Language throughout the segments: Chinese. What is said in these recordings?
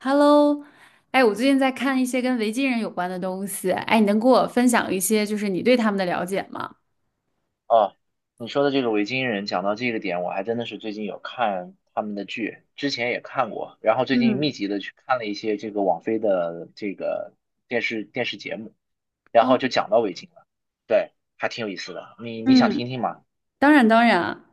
Hello，哎，我最近在看一些跟维京人有关的东西，哎，你能给我分享一些就是你对他们的了解吗？哦，你说的这个维京人，讲到这个点，我还真的是最近有看他们的剧，之前也看过，然后最近嗯。密集的去看了一些这个网飞的这个电视节目，然哦。后就讲到维京了。对，还挺有意思的。你想嗯，听听吗？当然当然。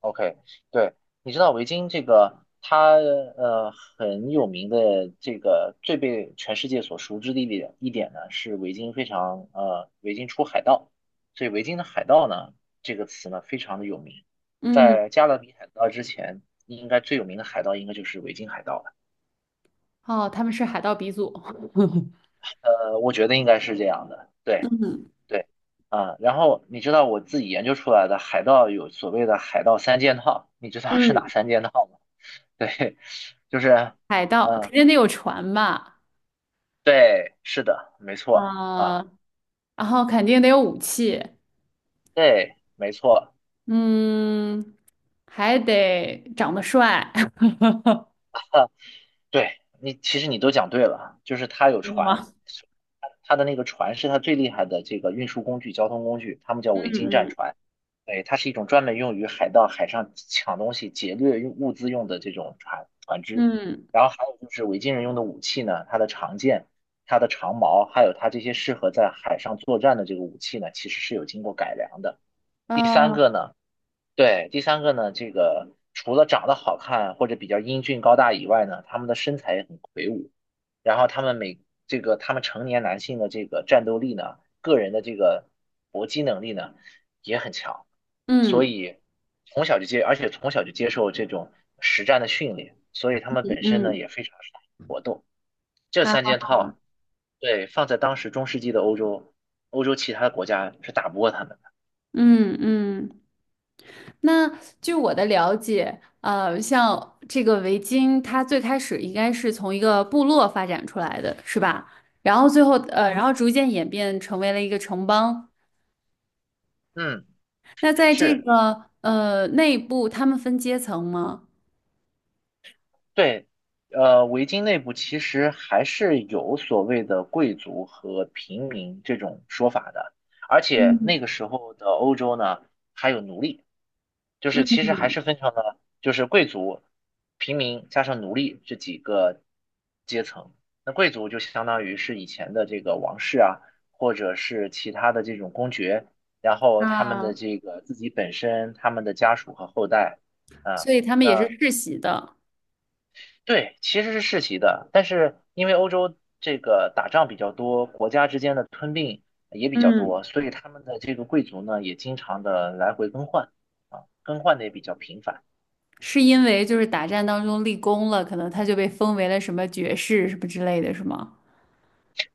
OK。对，你知道维京这个，它很有名的这个最被全世界所熟知的一点呢，是维京非常呃维京出海盗，所以维京的海盗呢，这个词呢非常的有名。嗯。在加勒比海盗之前，应该最有名的海盗应该就是维京海盗了。哦，他们是海盗鼻祖，我觉得应该是这样的。对嗯。对啊，然后你知道我自己研究出来的海盗有所谓的海盗三件套，你知道是哪嗯，三件套吗？对，就是，海盗肯嗯，定得有船吧。对，是的，没错啊、啊。然后肯定得有武器。对，没错。嗯，还得长得帅。对，你，其实你都讲对了，就是它有真的船。吗？它的那个船是它最厉害的这个运输工具、交通工具，他们叫维京战嗯船。对，它是一种专门用于海盗海上抢东西、劫掠用物资用的这种船只，嗯嗯然后还有就是维京人用的武器呢，它的长剑、它的长矛，还有它这些适合在海上作战的这个武器呢，其实是有经过改良的。第三嗯。个呢。对，第三个呢，这个除了长得好看或者比较英俊高大以外呢，他们的身材也很魁梧，然后他们每这个他们成年男性的这个战斗力呢，个人的这个搏击能力呢也很强。所嗯以从小就接，而且从小就接受这种实战的训练，所以他们嗯本身呢嗯。也非常善于搏斗。这三啊。件套，对，放在当时中世纪的欧洲，欧洲其他的国家是打不过他们的。嗯嗯。那据我的了解，像这个围巾，它最开始应该是从一个部落发展出来的，是吧？然后最后，逐渐演变成为了一个城邦。嗯，那在这是。个内部，他们分阶层吗？对，维京内部其实还是有所谓的贵族和平民这种说法的，而且那嗯。个时候的欧洲呢，还有奴隶，就嗯。是其实还是分成了就是贵族、平民加上奴隶这几个阶层。那贵族就相当于是以前的这个王室啊，或者是其他的这种公爵，然后他们的啊，这个自己本身、他们的家属和后代，啊。所以他们也是那世袭的。对，其实是世袭的，但是因为欧洲这个打仗比较多，国家之间的吞并也比较多，嗯，所以他们的这个贵族呢也经常的来回更换啊，更换的也比较频繁。是因为就是打战当中立功了，可能他就被封为了什么爵士什么之类的，是吗？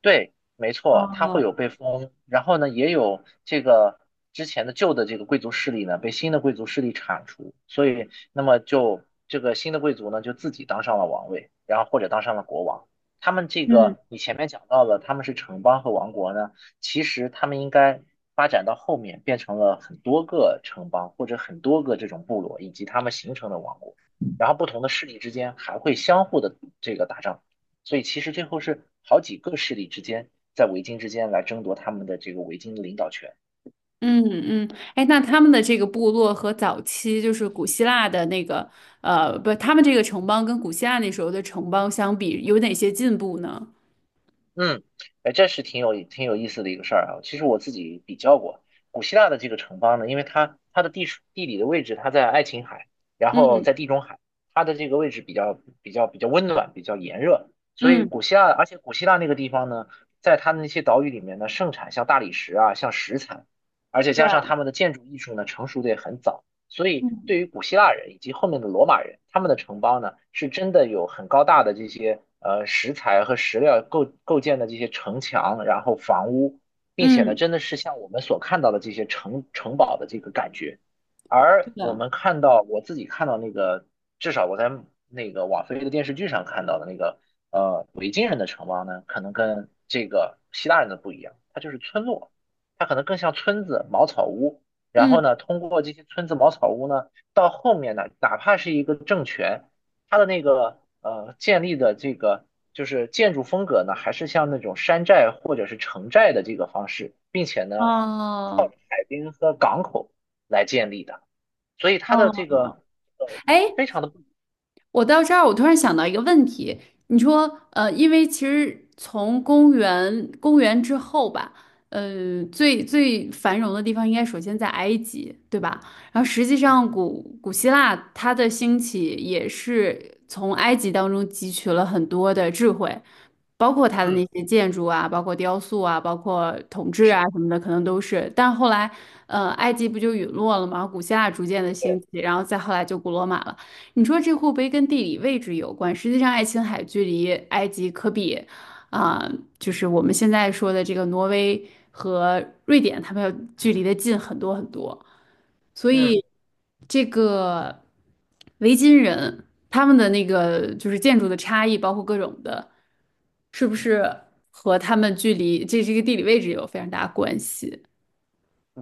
对，没错，它会哦。有被封，然后呢，也有这个之前的旧的这个贵族势力呢，被新的贵族势力铲除，所以那么就这个新的贵族呢，就自己当上了王位，然后或者当上了国王。他们这嗯。个你前面讲到了，他们是城邦和王国呢，其实他们应该发展到后面变成了很多个城邦或者很多个这种部落以及他们形成的王国，然后不同的势力之间还会相互的这个打仗。所以其实最后是好几个势力之间在维京之间来争夺他们的这个维京的领导权。嗯嗯。哎，那他们的这个部落和早期就是古希腊的那个，不，他们这个城邦跟古希腊那时候的城邦相比，有哪些进步呢？嗯。哎，这是挺有意思的一个事儿啊。其实我自己比较过古希腊的这个城邦呢，因为它的地处地理的位置，它在爱琴海，然后嗯在地中海，它的这个位置比较温暖，比较炎热。所以嗯。古希腊，而且古希腊那个地方呢，在它的那些岛屿里面呢，盛产像大理石啊，像石材，而且加上他对。们的建筑艺术呢，成熟的也很早。所以，对嗯于古希腊人以及后面的罗马人，他们的城邦呢，是真的有很高大的这些石材和石料构建的这些城墙，然后房屋，并且呢，嗯。真的是像我们所看到的这些城堡的这个感觉。是而的。我自己看到那个，至少我在那个网飞的电视剧上看到的那个维京人的城邦呢，可能跟这个希腊人的不一样，它就是村落，它可能更像村子、茅草屋。然后嗯。呢，通过这些村子茅草屋呢，到后面呢，哪怕是一个政权，它的那个建立的这个就是建筑风格呢，还是像那种山寨或者是城寨的这个方式，并且呢，哦海滨和港口来建立的，所以它的这哦。个呃哎，非常的不，我到这儿，我突然想到一个问题。你说，因为其实从公元之后吧，最最繁荣的地方应该首先在埃及，对吧？然后实际上古希腊它的兴起也是从埃及当中汲取了很多的智慧，包括它的那嗯，些建筑啊，包括雕塑啊，包括统治啊是什么的，可能都是。但后来，埃及不就陨落了吗？古希腊逐渐的兴对，起，然后再后来就古罗马了。你说这会不会跟地理位置有关，实际上爱琴海距离埃及可比，啊、就是我们现在说的这个挪威和瑞典，它们要距离的近很多很多。所嗯。以这个维京人他们的那个就是建筑的差异，包括各种的，是不是和他们距离这个地理位置有非常大的关系？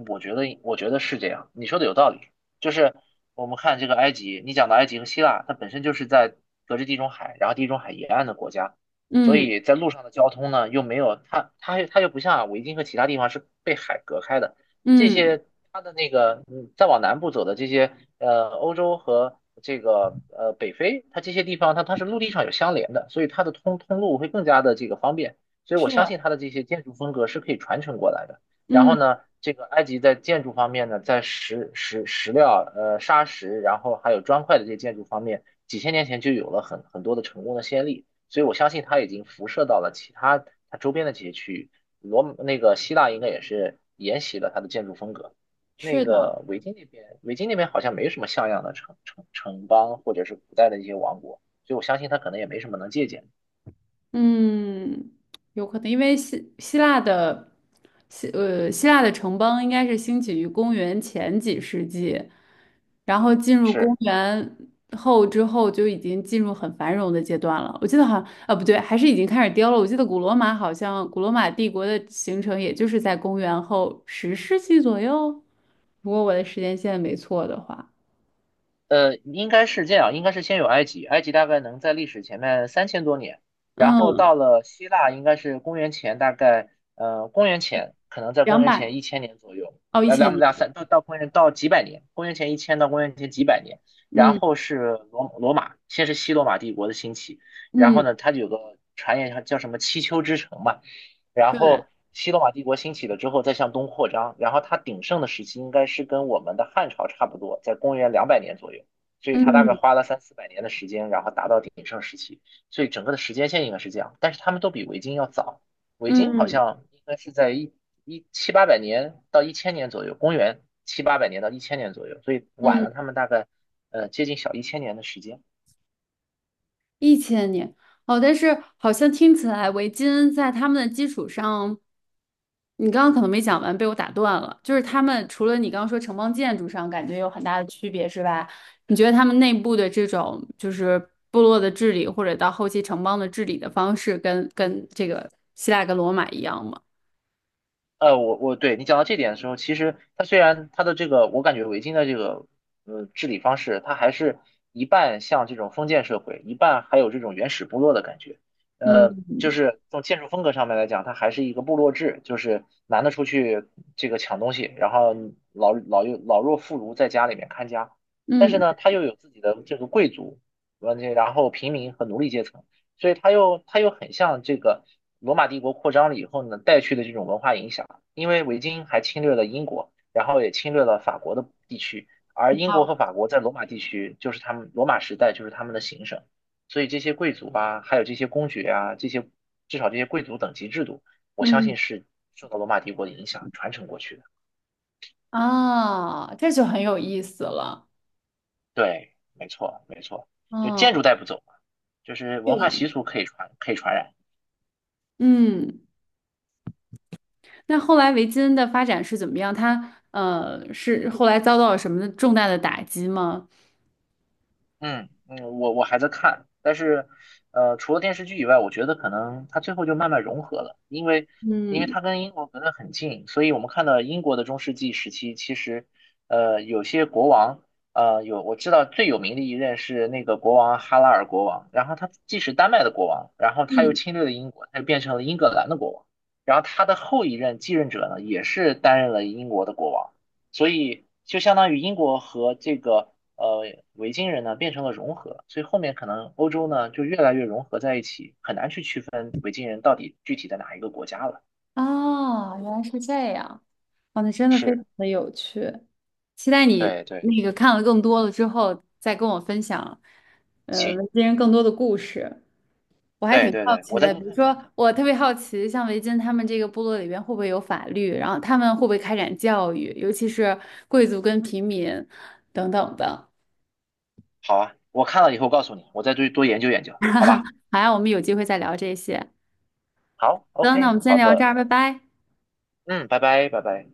我觉得是这样，你说的有道理。就是我们看这个埃及，你讲的埃及和希腊，它本身就是在隔着地中海，然后地中海沿岸的国家，所嗯以在路上的交通呢，又没有它，它又不像维京和其他地方是被海隔开的。这嗯。些它的那个，嗯，再往南部走的这些，欧洲和这个北非，它这些地方它是陆地上有相连的，所以它的通路会更加的这个方便。所以我是。相信它的这些建筑风格是可以传承过来的。然后嗯。呢，这个埃及在建筑方面呢，在石料、砂石，然后还有砖块的这些建筑方面，几千年前就有了很多的成功的先例，所以我相信它已经辐射到了其他它周边的这些区域。那个希腊应该也是沿袭了它的建筑风格。那是的。个维京那边，维京那边好像没什么像样的城邦或者是古代的一些王国，所以我相信它可能也没什么能借鉴的。嗯，有可能，因为希腊的城邦应该是兴起于公元前几世纪，然后进入公是。元后之后就已经进入很繁荣的阶段了。我记得好像啊不对，还是已经开始凋了。我记得古罗马好像古罗马帝国的形成也就是在公元后十世纪左右，如果我的时间线没错的话。应该是这样，应该是先有埃及，埃及大概能在历史前面三千多年，然后嗯，到了希腊，应该是公元前大概，公元前可能在公两元百前一千年左右，哦一千两年。两三到公元到几百年，公元前一千到公元前几百年，然嗯后是罗马，先是西罗马帝国的兴起，然后嗯。呢，它有个传言叫什么七丘之城嘛，然对。后西罗马帝国兴起了之后，再向东扩张，然后它鼎盛的时期应该是跟我们的汉朝差不多，在公元两百年左右，所以它大概嗯花了三四百年的时间，然后达到鼎盛时期，所以整个的时间线应该是这样，但是他们都比维京要早，维京好嗯嗯。像应该是在七八百年到一千年左右，公元七八百年到一千年左右，所以晚了他嗯们大概接近小一千年的时间。一千年。哦，但是好像听起来维京在他们的基础上，你刚刚可能没讲完，被我打断了。就是他们除了你刚刚说城邦建筑上感觉有很大的区别，是吧？你觉得他们内部的这种就是部落的治理，或者到后期城邦的治理的方式跟这个希腊跟罗马一样吗？我对你讲到这点的时候，其实它虽然它的这个，我感觉维京的这个治理方式，它还是一半像这种封建社会，一半还有这种原始部落的感觉。就嗯是从建筑风格上面来讲，它还是一个部落制，就是男的出去这个抢东西，然后老弱妇孺在家里面看家。但是嗯。呢，他又有自己的这个贵族，完全然后平民和奴隶阶层。所以它又很像这个罗马帝国扩张了以后呢带去的这种文化影响，因为维京还侵略了英国，然后也侵略了法国的地区，而英哦。国和法国在罗马地区就是他们罗马时代就是他们的行省，所以这些贵族啊，还有这些公爵啊，这些至少这些贵族等级制度，我相嗯。信是受到罗马帝国的影响传承过去的。啊，这就很有意思了。对，没错没错，就建筑哦。带不走嘛，就是这文化个，习俗可以传染。嗯。那后来维金的发展是怎么样？是后来遭到了什么重大的打击吗？嗯嗯，我还在看，但是，除了电视剧以外，我觉得可能它最后就慢慢融合了，因为嗯。它跟英国隔得很近，所以我们看到英国的中世纪时期，其实，有些国王，有我知道最有名的一任是那个国王哈拉尔国王，然后他既是丹麦的国王，然后他又嗯。侵略了英国，他就变成了英格兰的国王，然后他的后一任继任者呢，也是担任了英国的国王。所以就相当于英国和这个呃维京人呢变成了融合，所以后面可能欧洲呢就越来越融合在一起，很难去区分维京人到底具体的哪一个国家了。啊，原来是这样。哦，那真的非常是，的有趣，期待你对对，那个看了更多了之后再跟我分享，行，维京人更多的故事。我还对挺对好对，奇我再的，多比如看看。说我特别好奇，像维京他们这个部落里边会不会有法律，然后他们会不会开展教育，尤其是贵族跟平民等等的。好啊，我看了以后告诉你，我再多多研究研究，好吧？好呀，我们有机会再聊这些。行，好那我，OK，们先好聊这的，儿，拜拜。嗯，拜拜，拜拜。